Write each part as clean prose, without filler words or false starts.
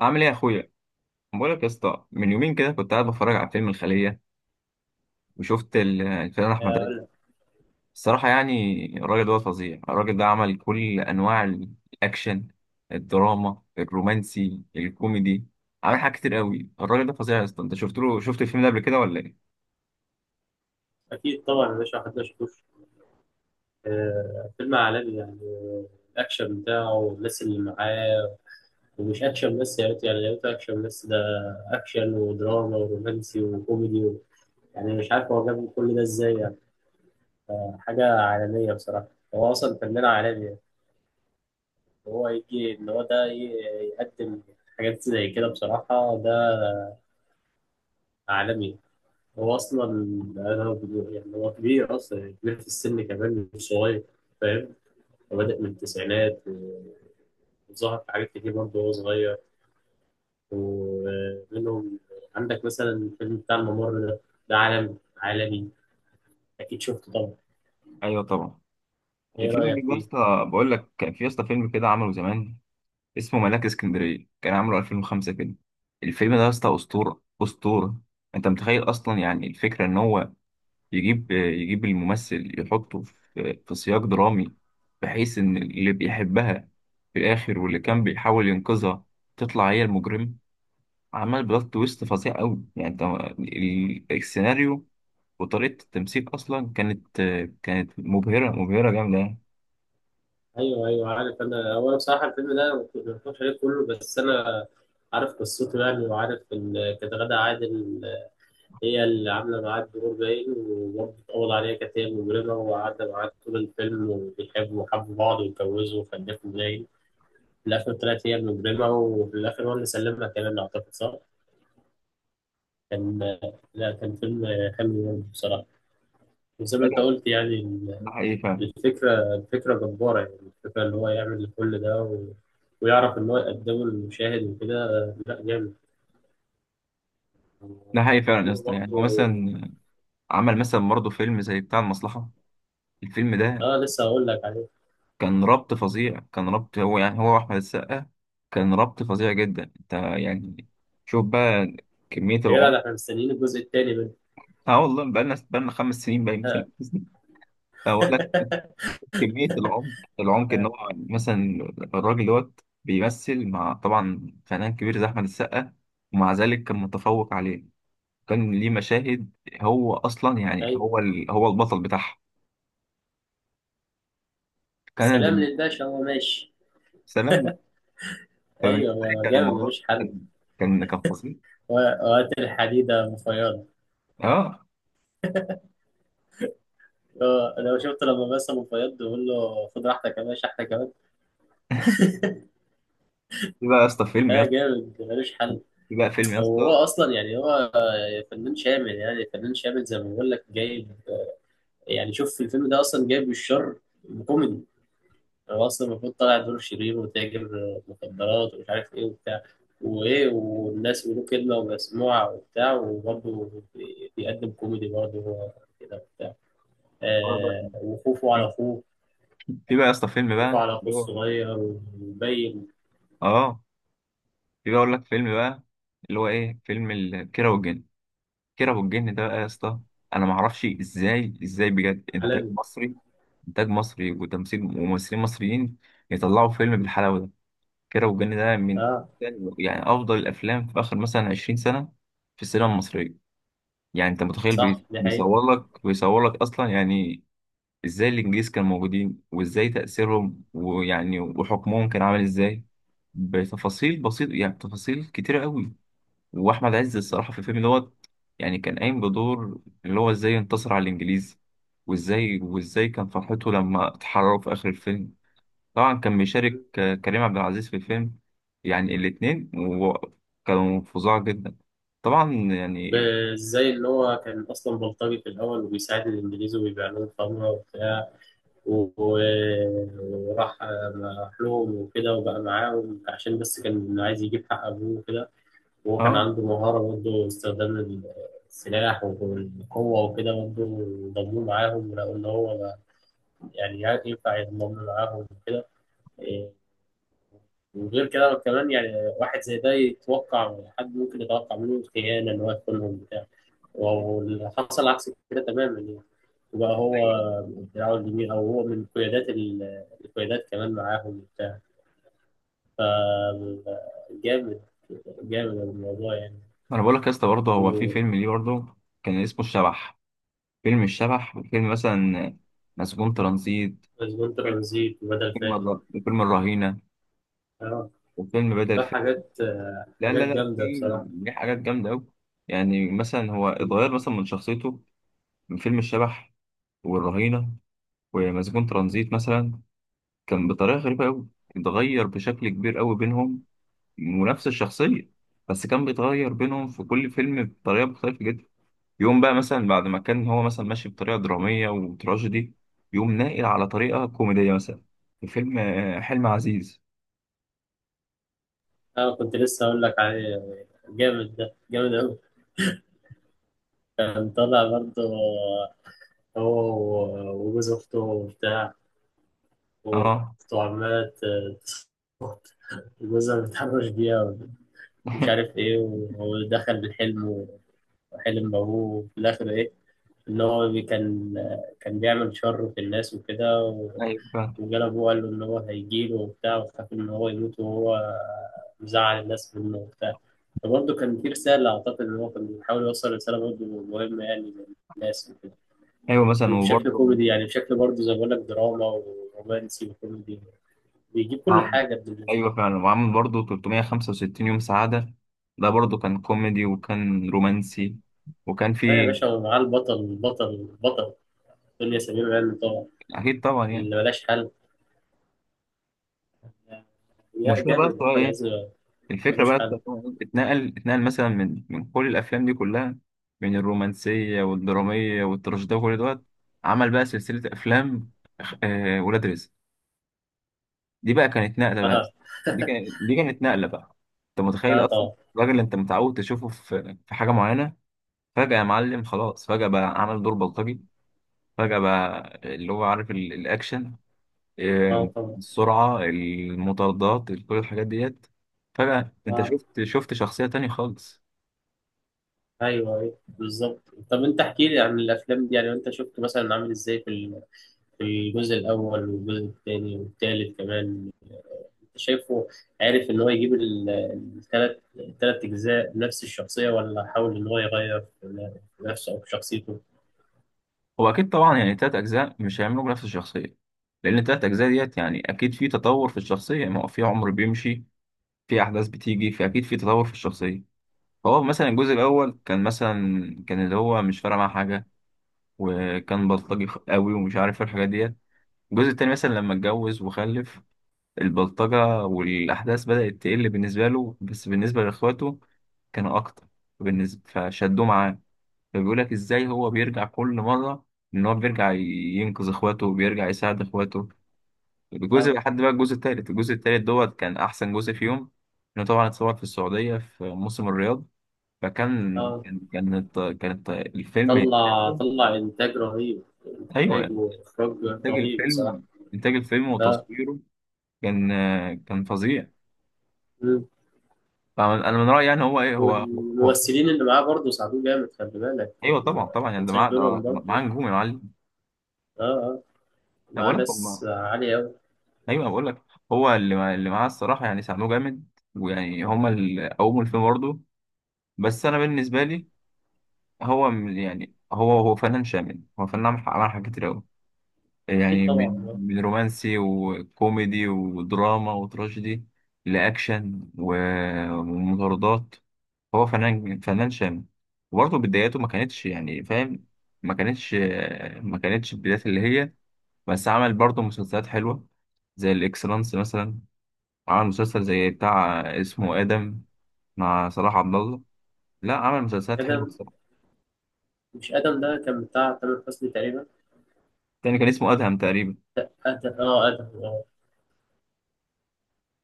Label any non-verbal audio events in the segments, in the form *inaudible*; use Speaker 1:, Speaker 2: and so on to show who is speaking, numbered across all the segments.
Speaker 1: عامل ايه يا اخويا؟ بقولك يا اسطى، من يومين كده كنت قاعد بتفرج على فيلم الخليه، وشفت الفنان احمد
Speaker 2: أقول
Speaker 1: عز.
Speaker 2: لك.
Speaker 1: الصراحه يعني الراجل ده فظيع، الراجل ده عمل كل انواع الاكشن، الدراما، الرومانسي، الكوميدي. عمل حاجات كتير قوي، الراجل ده فظيع يا اسطى. انت شفت له، شفت الفيلم ده قبل كده ولا ايه؟
Speaker 2: أكيد طبعا يا باشا، محدش يشوف. فيلم عالمي يعني. الأكشن بتاعه والناس اللي معاه. ومش أكشن بس، يا ريت يعني يا ريت أكشن بس. ده أكشن ودراما ورومانسي وكوميدي و... يعني مش عارف هو جاب كل ده إزاي يعني. حاجة عالمية بصراحة. هو أصلا فنان عالمي يعني. هو يجي إن هو ده يقدم حاجات زي كده، بصراحة ده عالمي. هو أصلا أنا يعني، هو كبير أصلا، يعني كبير في السن كمان مش صغير، فاهم. بادئ من التسعينات، وظهر في حاجات كتير برضه وهو صغير. ومنهم، عندك مثلا الفيلم بتاع الممر ده، ده عالم عالمي، اكيد شفته طبعا.
Speaker 1: ايوه طبعا.
Speaker 2: ايه
Speaker 1: الفيلم
Speaker 2: رايك
Speaker 1: ده يا
Speaker 2: فيه؟
Speaker 1: اسطى، بقول لك كان في يا اسطى فيلم كده عمله زمان، اسمه ملاك اسكندريه، كان عامله 2005 كده. الفيلم ده يا اسطى اسطوره اسطوره. انت متخيل اصلا يعني الفكره ان هو يجيب الممثل، يحطه في في سياق درامي، بحيث إن اللي بيحبها في الآخر واللي كان بيحاول ينقذها تطلع هي المجرم. عمل بلوت تويست فظيع أوي، يعني أنت السيناريو وطريقة التمثيل أصلا كانت، كانت مبهرة، مبهرة جامدة يعني.
Speaker 2: ايوه ايوه، عارف انا. هو أنا بصراحه الفيلم ده ما اتفرجتش عليه كله، بس انا عارف قصته يعني، وعارف ان كانت غادة عادل هي اللي عامله معاه الدور باين. وبرضه اتقبض عليها، كانت هي المجرمه، وقعدت معاه طول الفيلم، وبيحبوا وحبوا بعض واتجوزوا وخلفوا باين. في الآخر طلعت هي المجرمة، وفي الآخر هو اللي سلمها كمان، أعتقد صح؟ كان، لا كان فيلم حلو برضه بصراحة. وزي ما أنت
Speaker 1: أيوة،
Speaker 2: قلت يعني
Speaker 1: ده حقيقي فعلا.
Speaker 2: الفكرة جبارة يعني. الفكرة اللي هو يعمل كل ده و... ويعرف إن هو يقدمه للمشاهد وكده، لا جامد.
Speaker 1: ده حقيقي فعلا يا
Speaker 2: دوره
Speaker 1: اسطى، يعني
Speaker 2: برضه،
Speaker 1: هو مثلا عمل مثلا برضه فيلم زي بتاع المصلحة. الفيلم ده
Speaker 2: آه لسه هقول لك عليه.
Speaker 1: كان ربط فظيع، كان ربط هو يعني هو واحمد السقا، كان ربط فظيع جدا. انت يعني شوف بقى كمية
Speaker 2: يا جدع، ده
Speaker 1: العمق.
Speaker 2: إحنا مستنيين الجزء التاني منه.
Speaker 1: اه والله، بقالنا 5 سنين باين مثلا. اولا كمية العمق، العمق ان
Speaker 2: *laughs*
Speaker 1: هو مثلا الراجل دوت بيمثل مع طبعا فنان كبير زي احمد السقا، ومع ذلك كان متفوق عليه. كان ليه مشاهد، هو اصلا يعني
Speaker 2: أيوه.
Speaker 1: هو هو البطل بتاعها. كان
Speaker 2: سلام
Speaker 1: بن...
Speaker 2: للباشا، هو ماشي.
Speaker 1: سلام. فبالنسبة لي
Speaker 2: أيوه
Speaker 1: كان
Speaker 2: جامد
Speaker 1: الموضوع،
Speaker 2: ملوش حل.
Speaker 1: كان كان فظيع.
Speaker 2: و- وقت الحديدة مفيضة.
Speaker 1: اه.
Speaker 2: اه، انا شفت لما مثلا فياض بيقول له خد راحتك يا باشا احنا كمان.
Speaker 1: في بقى يا اسطى فيلم يا
Speaker 2: اه
Speaker 1: اسطى
Speaker 2: جامد ملوش حل.
Speaker 1: في بقى فيلم يا
Speaker 2: هو
Speaker 1: اسطى
Speaker 2: اصلا يعني، هو فنان شامل، يعني فنان شامل زي ما بقول لك، جايب يعني، شوف في الفيلم ده اصلا جايب الشر كوميدي. هو اصلا المفروض طالع دور شرير وتاجر مخدرات ومش عارف ايه وبتاع، وايه والناس بيقولوا كلمه ومسموعه وبتاع، وبرضه بيقدم كوميدي برضه، هو كده وبتاع.
Speaker 1: هو
Speaker 2: آه
Speaker 1: بقى-
Speaker 2: وخوفه على
Speaker 1: في
Speaker 2: اخوه،
Speaker 1: في بقى يا اسطى فيلم
Speaker 2: خوفه
Speaker 1: بقى
Speaker 2: على اخوه
Speaker 1: اللي هو،
Speaker 2: الصغير ومبين.
Speaker 1: اه، في بقى اقول لك فيلم بقى اللي هو ايه فيلم كيرة والجن. كيرة والجن ده بقى يا اسطى، انا ما اعرفش ازاي، ازاي بجد انتاج
Speaker 2: عالمي.
Speaker 1: مصري، انتاج مصري وتمثيل وممثلين مصريين يطلعوا فيلم بالحلاوه ده. كيرة والجن ده من
Speaker 2: اه
Speaker 1: يعني افضل الافلام في اخر مثلا 20 سنه في السينما المصريه. يعني انت متخيل
Speaker 2: صح، دي حقيقة.
Speaker 1: بيصور لك اصلا يعني ازاي الانجليز كانوا موجودين، وازاي تأثيرهم ويعني وحكمهم كان عامل ازاي، بتفاصيل بسيطة يعني تفاصيل كتيرة قوي. واحمد عز الصراحة في الفيلم دوت يعني كان قايم بدور اللي هو ازاي انتصر على الانجليز، وازاي كان فرحته لما اتحرروا في اخر الفيلم. طبعا كان بيشارك
Speaker 2: مم.
Speaker 1: كريم عبد العزيز في الفيلم. يعني الاتنين كانوا فظاع جدا طبعا يعني.
Speaker 2: وازاي ان هو كان اصلا بلطجي في الاول، وبيساعد الانجليز وبيبيع لهم خمره وبتاع، وراح راح لهم وكده، وبقى معاهم عشان بس كان عايز يجيب حق ابوه وكده. وهو كان
Speaker 1: اه
Speaker 2: عنده مهاره برضه، استخدام السلاح والقوه وكده برضه. ضموه معاهم، ولقوا ان هو يعني ينفع يضمن معاهم وكده. وغير كده كمان يعني، واحد زي ده يتوقع حد ممكن يتوقع منه خيانة، إن هو يخونهم بتاع. واللي حصل عكس كده تماما يعني. وبقى هو
Speaker 1: ايوه.
Speaker 2: دراعه اليمين، أو هو من قيادات القيادات كمان معاهم وبتاع. فجامد، جامد الموضوع يعني.
Speaker 1: انا بقول لك يا اسطى برضه هو في
Speaker 2: ومسجون
Speaker 1: فيلم ليه برضه، كان اسمه الشبح. فيلم الشبح، وفيلم مثلا مسجون ترانزيت، فيلم
Speaker 2: ترانزيت وبدل فائد.
Speaker 1: فيلم الرهينة،
Speaker 2: اه،
Speaker 1: وفيلم بدل
Speaker 2: لا
Speaker 1: فاقد.
Speaker 2: حاجات
Speaker 1: لا لا
Speaker 2: حاجات
Speaker 1: لا، في
Speaker 2: جامدة بصراحة.
Speaker 1: في حاجات جامدة أوي. يعني مثلا هو اتغير مثلا من شخصيته من فيلم الشبح والرهينة ومسجون ترانزيت مثلا، كان بطريقة غريبة أوي، اتغير بشكل كبير أوي بينهم. ونفس الشخصية بس كان بيتغير بينهم في كل فيلم بطريقة مختلفة جدا. يقوم بقى مثلا بعد ما كان هو مثلا ماشي بطريقة درامية وتراجيدي، يقوم ناقل على طريقة كوميدية مثلا في فيلم حلم عزيز.
Speaker 2: أنا كنت لسه أقول لك عليه، جامد ده، جامد أوي. كان طالع برضه هو وجوز أخته وبتاع،
Speaker 1: اه.
Speaker 2: وأخته عمالة جوزها متحرش بيها، ومش
Speaker 1: *laughs*
Speaker 2: عارف إيه، وهو دخل بالحلم وحلم بأبوه. وفي الآخر إيه، إن هو كان بيعمل شر في الناس وكده،
Speaker 1: ايوه فعلا.
Speaker 2: وجاله أبوه قال له إن هو هيجيله وبتاع، وخاف إن هو يموت وهو مزعل الناس منه وبتاع. فبرضه كان في رسالة، أعتقد إن هو كان بيحاول يوصل رسالة برضه مهمة يعني للناس وكده.
Speaker 1: ايوه مثلا
Speaker 2: وبشكل
Speaker 1: وبرضه
Speaker 2: كوميدي يعني، بشكل برضه زي ما بقول لك، دراما ورومانسي وكوميدي، بيجيب كل
Speaker 1: عم-
Speaker 2: حاجة، ابن الذين.
Speaker 1: ايوه فعلا. وعامل برضه 365 يوم سعادة، ده برضه كان كوميدي وكان رومانسي وكان
Speaker 2: اه يا
Speaker 1: فيه.
Speaker 2: باشا، ومعاه البطل البطل البطل دنيا سمير غانم طبعا،
Speaker 1: اكيد طبعا يعني.
Speaker 2: اللي ملاش حل. يا
Speaker 1: المشكلة بقى
Speaker 2: جامد
Speaker 1: في
Speaker 2: أحمد
Speaker 1: إيه؟
Speaker 2: عز،
Speaker 1: الفكرة
Speaker 2: ملوش
Speaker 1: بقى
Speaker 2: حل.
Speaker 1: اتنقل، اتنقل مثلا من من كل الأفلام دي كلها، من الرومانسية والدرامية والتراجيدية وكل دوت. عمل بقى سلسلة أفلام، آه، ولاد رزق. دي بقى كانت نقلة بقى،
Speaker 2: اه
Speaker 1: دي كانت دي كانت نقلة بقى. أنت متخيل
Speaker 2: اه
Speaker 1: أصلا
Speaker 2: طبعا.
Speaker 1: الراجل اللي أنت متعود تشوفه في في حاجة معينة، فجأة يا معلم خلاص، فجأة بقى عمل دور بلطجي، فجأة بقى اللي هو عارف الأكشن، آه،
Speaker 2: اه طبعا.
Speaker 1: السرعة، المطاردات، كل الحاجات ديت. فجأة أنت
Speaker 2: اه.
Speaker 1: شفت، شفت شخصية تانية خالص.
Speaker 2: ايوه ايوه بالظبط. طب انت احكي لي عن الافلام دي يعني، انت شفت مثلا عامل ازاي في في الجزء الاول والجزء الثاني والثالث كمان، شايفه؟ عارف ان هو يجيب الثلاث اجزاء بنفس الشخصيه، ولا حاول ان هو يغير في نفسه او في شخصيته؟
Speaker 1: هو اكيد طبعا يعني تلات اجزاء مش هيعملوا نفس الشخصيه، لان التلات اجزاء ديت يعني اكيد في تطور في الشخصيه. ما هو في عمر بيمشي، في احداث بتيجي، فاكيد في تطور في الشخصيه. فهو مثلا الجزء الاول كان مثلا، كان اللي هو مش فارق معاه حاجه وكان بلطجي قوي ومش عارف إيه الحاجات ديت. الجزء التاني مثلا لما اتجوز وخلف، البلطجه والاحداث بدات تقل بالنسبه له، بس بالنسبه لاخواته كانوا اكتر بالنسبه فشدوه معاه. فبيقول لك ازاي هو بيرجع كل مره، ان هو بيرجع ينقذ اخواته وبيرجع يساعد اخواته. الجزء
Speaker 2: اه
Speaker 1: لحد بقى الجزء التالت، الجزء التالت دوت كان احسن جزء فيهم. انه طبعا اتصور في السعوديه في موسم الرياض، فكان
Speaker 2: اه.
Speaker 1: كانت الفيلم.
Speaker 2: طلع انتاج رهيب،
Speaker 1: ايوه
Speaker 2: انتاج
Speaker 1: يعني
Speaker 2: واخراج
Speaker 1: انتاج
Speaker 2: رهيب بصراحه.
Speaker 1: الفيلم، انتاج الفيلم
Speaker 2: اه.
Speaker 1: وتصويره كان، كان فظيع.
Speaker 2: مم.
Speaker 1: طبعاً انا من رايي يعني هو ايه، هو هو
Speaker 2: والممثلين اللي معاه برضه ساعدوه جامد، خلي بالك يعني
Speaker 1: ايوه طبعا
Speaker 2: ما
Speaker 1: طبعا يعني ده
Speaker 2: تنساش
Speaker 1: معاه،
Speaker 2: دورهم
Speaker 1: ده
Speaker 2: برضه.
Speaker 1: معاه نجوم يا معلم.
Speaker 2: اه اه،
Speaker 1: انا
Speaker 2: مع
Speaker 1: بقول لك هم،
Speaker 2: ناس عاليه قوي.
Speaker 1: ايوه بقول لك هو اللي معاه الصراحه يعني ساعدوه جامد، ويعني هما اللي قوموا الفيلم برضه. بس انا بالنسبه لي، يعني هو هو فنان شامل، هو فنان عمل، عمل حاجات كتير قوي،
Speaker 2: اكيد
Speaker 1: يعني
Speaker 2: طبعا
Speaker 1: من
Speaker 2: آه.
Speaker 1: من رومانسي وكوميدي ودراما وتراجيدي لاكشن ومطاردات. هو فنان، فنان شامل. وبرضه بداياته ما كانتش يعني فاهم، ما كانتش، ما كانتش البدايات اللي هي، بس عمل برضه مسلسلات حلوه زي الاكسلانس مثلا. عمل مسلسل زي بتاع اسمه آدم مع صلاح عبد الله. لا عمل مسلسلات حلوة
Speaker 2: ادم،
Speaker 1: بصراحة.
Speaker 2: مش ادم ده كان بتاع تامر حسني تقريبا.
Speaker 1: تاني كان اسمه أدهم تقريبا.
Speaker 2: ادم، اه ادم آه.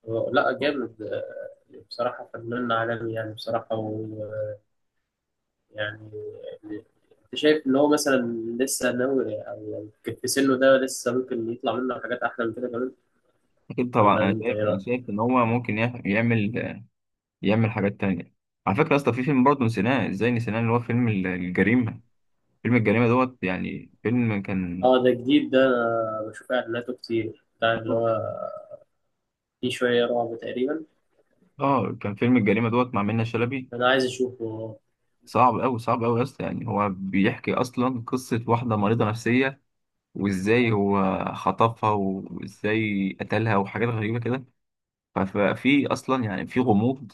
Speaker 2: لا جامد، بصراحة فنان عالمي يعني، بصراحة. ويعني أنت شايف إن هو مثلا لسه ناوي، أو يعني في سنه ده لسه ممكن يطلع منه حاجات أحلى من كده كمان،
Speaker 1: أكيد طبعا.
Speaker 2: ولا
Speaker 1: أنا
Speaker 2: أنت إيه
Speaker 1: شايف، أنا
Speaker 2: رأيك؟
Speaker 1: شايف إن هو ممكن يعمل، يعمل حاجات تانية. على فكرة أصلا في فيلم برضه نسيناه، إزاي نسيناه، اللي هو فيلم الجريمة. فيلم الجريمة دوت يعني فيلم كان،
Speaker 2: أه ده جديد، ده أنا بشوف إعلاناته كتير، بتاع اللي هو فيه شوية رعب تقريبا.
Speaker 1: آه، كان فيلم الجريمة دوت مع منة شلبي.
Speaker 2: أنا عايز أشوفه.
Speaker 1: صعب أوي، صعب أوي يا اسطى، يعني هو بيحكي أصلا قصة واحدة مريضة نفسية وإزاي
Speaker 2: آه،
Speaker 1: هو خطفها وإزاي قتلها وحاجات غريبة كده. ففي اصلا يعني في غموض.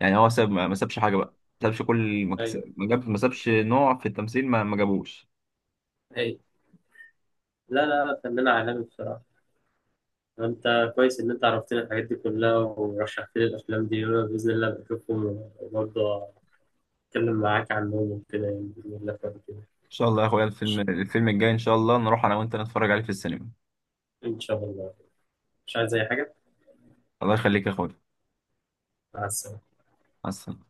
Speaker 1: يعني هو ساب، ما سابش حاجه بقى، ما سابش، كل
Speaker 2: أيوه
Speaker 1: ما جاب، ما سابش نوع في التمثيل ما جابوش.
Speaker 2: أيوه. لا لا لا، فنان عالمي بصراحة. أنت كويس إن أنت عرفتني الحاجات دي كلها، ورشحت لي الأفلام دي، وأنا بإذن الله بشوفهم، وبرضه أتكلم معاك عنهم وكده يعني، بإذن الله بعد كده.
Speaker 1: ان شاء الله يا اخويا، الفيلم الفيلم الجاي ان شاء الله نروح انا وانت نتفرج عليه في السينما.
Speaker 2: إن شاء الله، مش عايز أي حاجة.
Speaker 1: الله يخليك يا اخويا.
Speaker 2: مع السلامة.
Speaker 1: مع السلامة.